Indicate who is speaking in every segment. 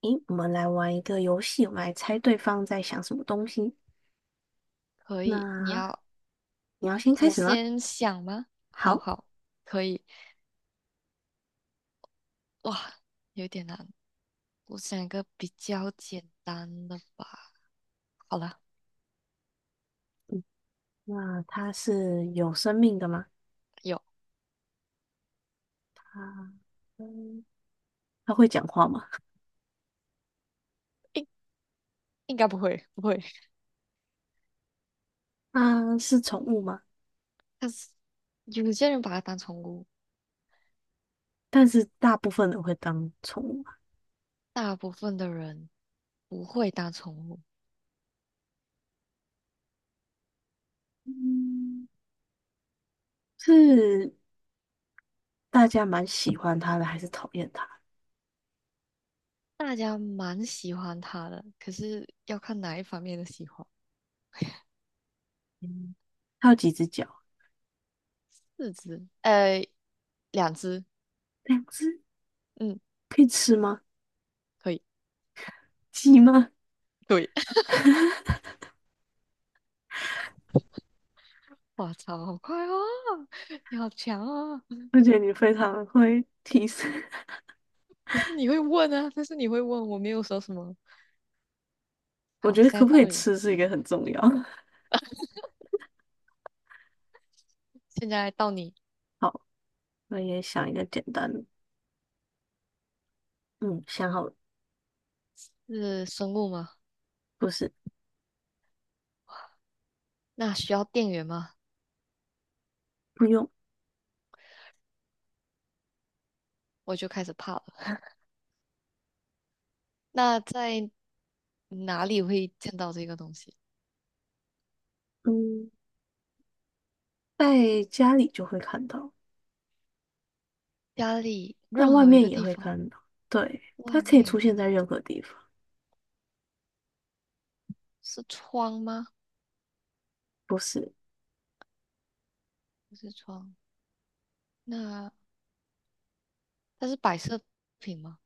Speaker 1: 诶，我们来玩一个游戏，我们来猜对方在想什么东西。
Speaker 2: 可以，你
Speaker 1: 那
Speaker 2: 要
Speaker 1: 你要先开
Speaker 2: 我
Speaker 1: 始吗？
Speaker 2: 先想吗？好
Speaker 1: 好，
Speaker 2: 好，可以。哇，有点难，我想一个比较简单的吧。好了，
Speaker 1: 那它是有生命的吗？
Speaker 2: 有，
Speaker 1: 啊，嗯，它会讲话吗？
Speaker 2: 应应该不会，不会。
Speaker 1: 啊，是宠物吗？
Speaker 2: 但是有些人把它当宠物，
Speaker 1: 但是大部分人会当宠物吗？
Speaker 2: 大部分的人不会当宠物，
Speaker 1: 嗯，是大家蛮喜欢它的，还是讨厌它？
Speaker 2: 大家蛮喜欢它的，可是要看哪一方面的喜欢。
Speaker 1: 嗯，它有几只脚？
Speaker 2: 四只，两只，
Speaker 1: 两只，
Speaker 2: 嗯，
Speaker 1: 可以吃吗？
Speaker 2: 可以，
Speaker 1: 鸡吗？
Speaker 2: 对。哇操，好快哦！你好强哦！
Speaker 1: 我觉得你非常会提示，
Speaker 2: 可是你会问啊，但是你会问，我没有说什么。
Speaker 1: 我
Speaker 2: 好，
Speaker 1: 觉得
Speaker 2: 现
Speaker 1: 可
Speaker 2: 在
Speaker 1: 不
Speaker 2: 到
Speaker 1: 可以
Speaker 2: 你，
Speaker 1: 吃是一个很重要。
Speaker 2: 现在到你
Speaker 1: 好，我也想一个简单的，嗯，想好了，
Speaker 2: 是生物吗？
Speaker 1: 不是，
Speaker 2: 那需要电源吗？
Speaker 1: 不用，
Speaker 2: 我就开始怕了。那在哪里会见到这个东西？
Speaker 1: 嗯，在家里就会看到，
Speaker 2: 家里
Speaker 1: 但
Speaker 2: 任
Speaker 1: 外
Speaker 2: 何一
Speaker 1: 面
Speaker 2: 个
Speaker 1: 也
Speaker 2: 地
Speaker 1: 会
Speaker 2: 方，
Speaker 1: 看到。对，它
Speaker 2: 外
Speaker 1: 可以
Speaker 2: 面也
Speaker 1: 出
Speaker 2: 会
Speaker 1: 现在
Speaker 2: 看。
Speaker 1: 任何地方，
Speaker 2: 是窗吗？
Speaker 1: 不是，
Speaker 2: 不是窗。那它是摆设品吗？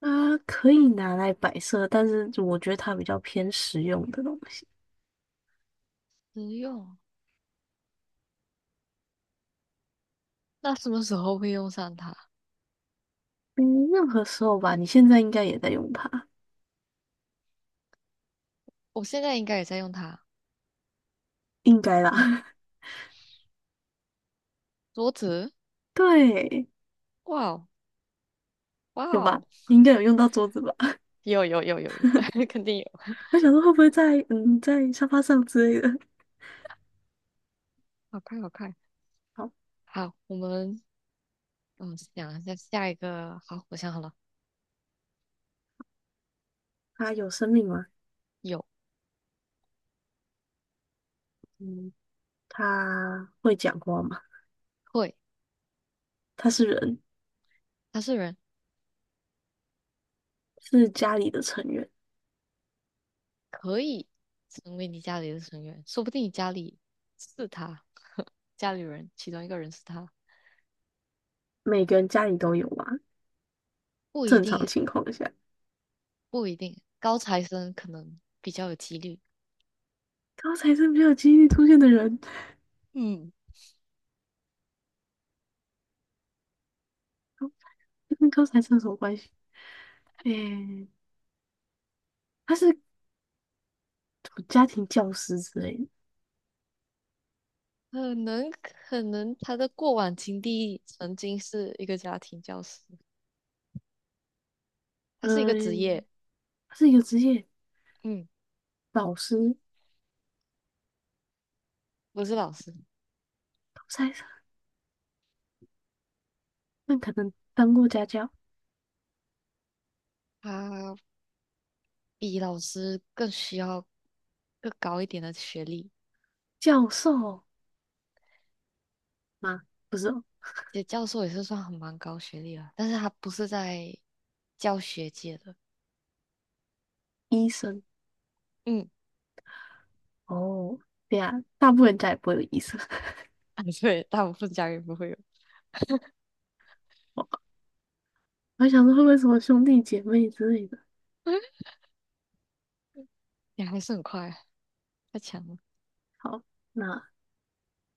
Speaker 1: 它可以拿来摆设，但是我觉得它比较偏实用的东西。
Speaker 2: 实用。那什么时候会用上它？
Speaker 1: 嗯，任何时候吧，你现在应该也在用它，
Speaker 2: 我现在应该也在用它。
Speaker 1: 应该
Speaker 2: 嗯，
Speaker 1: 啦。
Speaker 2: 桌子。
Speaker 1: 对，
Speaker 2: 哇哦，哇
Speaker 1: 有吧？
Speaker 2: 哦，
Speaker 1: 你应该有用到桌子吧？
Speaker 2: 有有有有有，肯定有，
Speaker 1: 我想说会不会在在沙发上之类的。
Speaker 2: 好快好快。
Speaker 1: 好，
Speaker 2: 好，我们想一下下一个。好，我想好了，
Speaker 1: 它有生命吗？
Speaker 2: 有
Speaker 1: 嗯，它会讲话吗？
Speaker 2: 会，
Speaker 1: 他是人，
Speaker 2: 他是人，
Speaker 1: 是家里的成员，
Speaker 2: 可以成为你家里的成员，说不定你家里是他，家里人其中一个人是他，
Speaker 1: 每个人家里都有嘛。
Speaker 2: 不一
Speaker 1: 正常
Speaker 2: 定诶，
Speaker 1: 情况下，
Speaker 2: 不一定，高材生可能比较有几率。
Speaker 1: 高材生比较有几率出现的人，
Speaker 2: 嗯，
Speaker 1: 这跟高材生有什么关系？诶、他是家庭教师之类的，
Speaker 2: 可能他的过往经历曾经是一个家庭教师，他是一个职业，
Speaker 1: 嗯，他是一个职业
Speaker 2: 嗯，
Speaker 1: 老师，
Speaker 2: 不是老师。
Speaker 1: 高材生，那可能当过家教、
Speaker 2: 他比老师更需要更高一点的学历。
Speaker 1: 教授吗？不是哦，
Speaker 2: 其教授也是算很蛮高学历了，但是他不是在教学界的。
Speaker 1: 医生
Speaker 2: 嗯，
Speaker 1: 哦，对呀，大部分人家也不会有医生。
Speaker 2: 啊，对，大部分家人不会有，
Speaker 1: 我我想说会不会什么兄弟姐妹之类的？
Speaker 2: 你还是很快，太强了。
Speaker 1: 好，那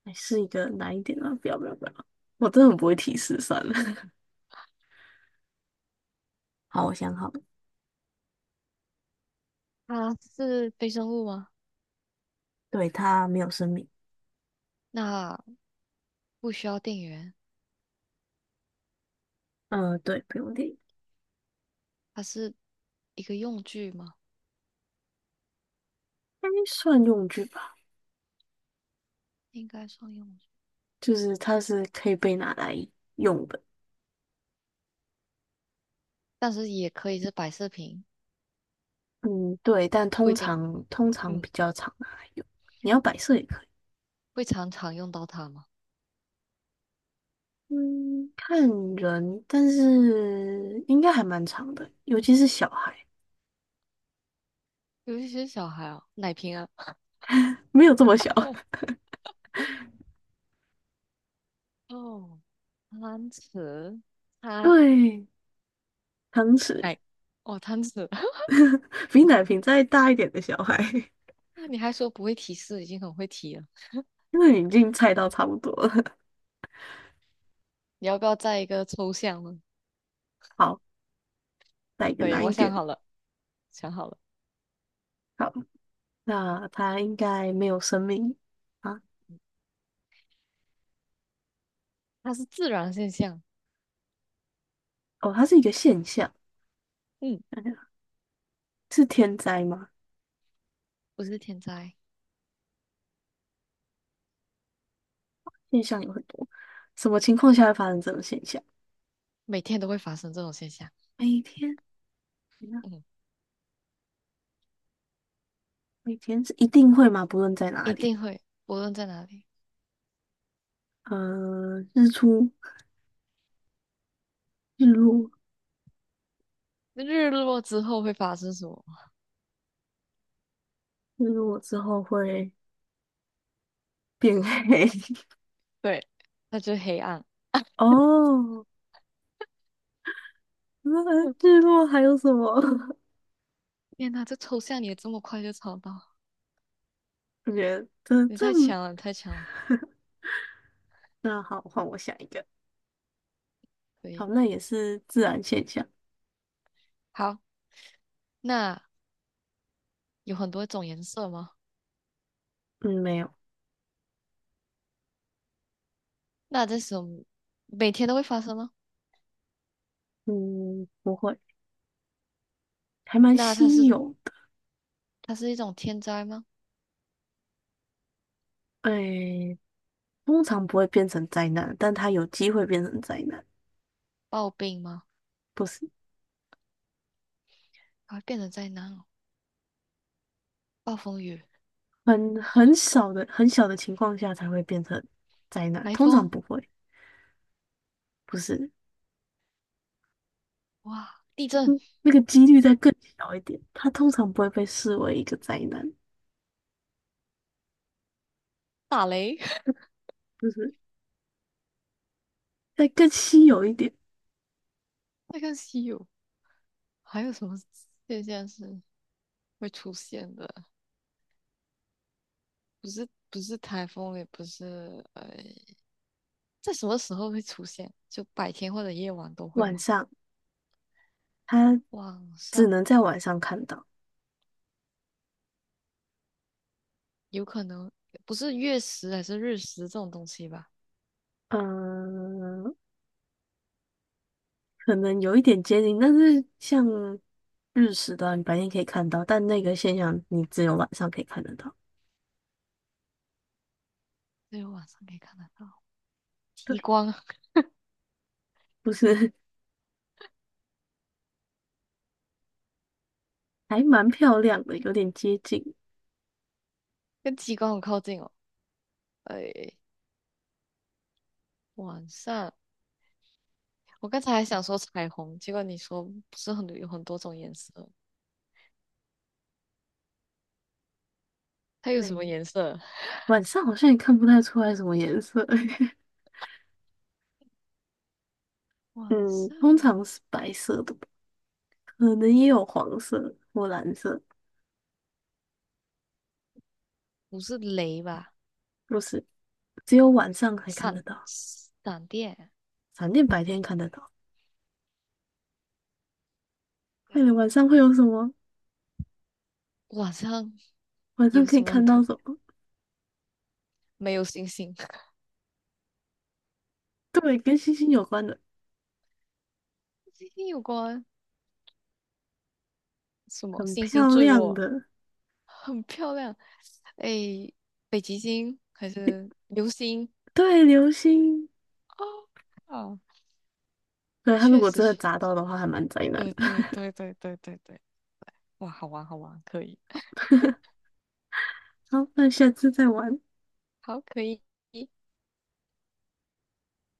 Speaker 1: 还是一个难一点啊！不要不要不要，我真的很不会提示，算了。好，我想好了，
Speaker 2: 他是非生物吗？
Speaker 1: 对，它没有生命。
Speaker 2: 那不需要电源，
Speaker 1: 嗯、呃对，不用电，应
Speaker 2: 它是一个用具吗？
Speaker 1: 该算用具吧，
Speaker 2: 应该算用具，
Speaker 1: 就是它是可以被拿来用的。
Speaker 2: 但是也可以是摆饰品，
Speaker 1: 嗯，对，但
Speaker 2: 不
Speaker 1: 通
Speaker 2: 一定。
Speaker 1: 常通常
Speaker 2: 嗯，
Speaker 1: 比较常拿来用，你要摆设也可以。
Speaker 2: 会常常用到它吗？
Speaker 1: 嗯，看人，但是应该还蛮长的，尤其是小孩，
Speaker 2: 尤其是小孩啊，奶瓶啊。
Speaker 1: 没有这么小。
Speaker 2: 哦，贪吃，它，
Speaker 1: 对，汤匙
Speaker 2: 哎，哦，贪吃，
Speaker 1: 比奶瓶再大一点的小孩，
Speaker 2: 那你还说不会提示，已经很会提了。
Speaker 1: 因为你已经猜到差不多了。
Speaker 2: 你要不要再一个抽象呢？
Speaker 1: 好，来一个
Speaker 2: 可以，
Speaker 1: 难
Speaker 2: 我
Speaker 1: 一
Speaker 2: 想
Speaker 1: 点。
Speaker 2: 好了，想好了，
Speaker 1: 好，那它应该没有生命啊？
Speaker 2: 它是自然现象，
Speaker 1: 哦，它是一个现象，
Speaker 2: 嗯，
Speaker 1: 想想是天灾吗？
Speaker 2: 不是天灾，
Speaker 1: 现象有很多，什么情况下会发生这种现象？
Speaker 2: 每天都会发生这种现象，
Speaker 1: 每天，
Speaker 2: 嗯，
Speaker 1: 每天是一定会吗？不论在哪
Speaker 2: 一
Speaker 1: 里，
Speaker 2: 定会，无论在哪里。
Speaker 1: 呃，日出、日落，
Speaker 2: 日落之后会发生什么？
Speaker 1: 日落之后会变黑。
Speaker 2: 对，它就是黑暗。
Speaker 1: 哦，那
Speaker 2: 嗯
Speaker 1: 日落还有什么？
Speaker 2: 天哪，这抽象你也这么快就抄到，
Speaker 1: 我觉得这
Speaker 2: 你
Speaker 1: 这，
Speaker 2: 太强了，你太强了。
Speaker 1: 那好，换我想一个。
Speaker 2: 可以，
Speaker 1: 好，那也是自然现象。
Speaker 2: 好，那有很多种颜色吗？
Speaker 1: 嗯，没有。
Speaker 2: 那这种每天都会发生吗？
Speaker 1: 嗯，不会，还蛮
Speaker 2: 那它
Speaker 1: 稀
Speaker 2: 是
Speaker 1: 有的。
Speaker 2: 它是一种天灾吗？
Speaker 1: 哎，通常不会变成灾难，但它有机会变成灾难，
Speaker 2: 暴病吗？
Speaker 1: 不是
Speaker 2: 它会变成灾难哦，暴风雨、
Speaker 1: 很小的情况下才会变成灾难，
Speaker 2: 台
Speaker 1: 通常
Speaker 2: 风，
Speaker 1: 不会，不是。
Speaker 2: 哇，地震、
Speaker 1: 嗯，那个几率再更小一点，它通常不会被视为一个灾难，
Speaker 2: 打雷，
Speaker 1: 就是再更稀有一点。
Speaker 2: 那更稀有。还有什么现象是会出现的？不是不是台风，也不是在什么时候会出现？就白天或者夜晚都会
Speaker 1: 晚
Speaker 2: 吗？
Speaker 1: 上，它
Speaker 2: 晚
Speaker 1: 只
Speaker 2: 上
Speaker 1: 能在晚上看到。
Speaker 2: 有可能，不是月食还是日食这种东西吧？
Speaker 1: 嗯，可能有一点接近，但是像日食的啊你白天可以看到，但那个现象你只有晚上可以看得到。
Speaker 2: 只有晚上可以看得到极
Speaker 1: 对，
Speaker 2: 光啊，
Speaker 1: 不是，还蛮漂亮的，有点接近。
Speaker 2: 跟极光很靠近哦。哎，晚上，我刚才还想说彩虹，结果你说不是很多有很多种颜色，它有什么
Speaker 1: 对，
Speaker 2: 颜色？
Speaker 1: 晚上好像也看不太出来什么颜色。
Speaker 2: 晚
Speaker 1: 嗯，通
Speaker 2: 上
Speaker 1: 常是白色的吧可能也有黄色或蓝色，
Speaker 2: 不是雷吧？
Speaker 1: 不是，只有晚上才看得
Speaker 2: 闪
Speaker 1: 到，
Speaker 2: 闪电？
Speaker 1: 闪电白
Speaker 2: 不，
Speaker 1: 天看得到。快点，
Speaker 2: 嗯，
Speaker 1: 晚上会有什么？
Speaker 2: 晚上
Speaker 1: 晚上
Speaker 2: 有
Speaker 1: 可
Speaker 2: 什
Speaker 1: 以
Speaker 2: 么很
Speaker 1: 看
Speaker 2: 特
Speaker 1: 到什
Speaker 2: 别？
Speaker 1: 么？
Speaker 2: 没有星星，
Speaker 1: 对，跟星星有关的，
Speaker 2: 星星有关 什么？
Speaker 1: 很
Speaker 2: 星星
Speaker 1: 漂
Speaker 2: 坠
Speaker 1: 亮
Speaker 2: 落，
Speaker 1: 的。
Speaker 2: 很漂亮。哎，北极星还是流星？
Speaker 1: 对，流星，
Speaker 2: 啊啊，
Speaker 1: 对，他如
Speaker 2: 确
Speaker 1: 果
Speaker 2: 实
Speaker 1: 真的
Speaker 2: 确
Speaker 1: 砸
Speaker 2: 实，
Speaker 1: 到的话，还蛮灾难
Speaker 2: 对
Speaker 1: 的。
Speaker 2: 对对 对对对对，哇，好玩好玩，可以，
Speaker 1: 好，那下次再玩。
Speaker 2: 好可以。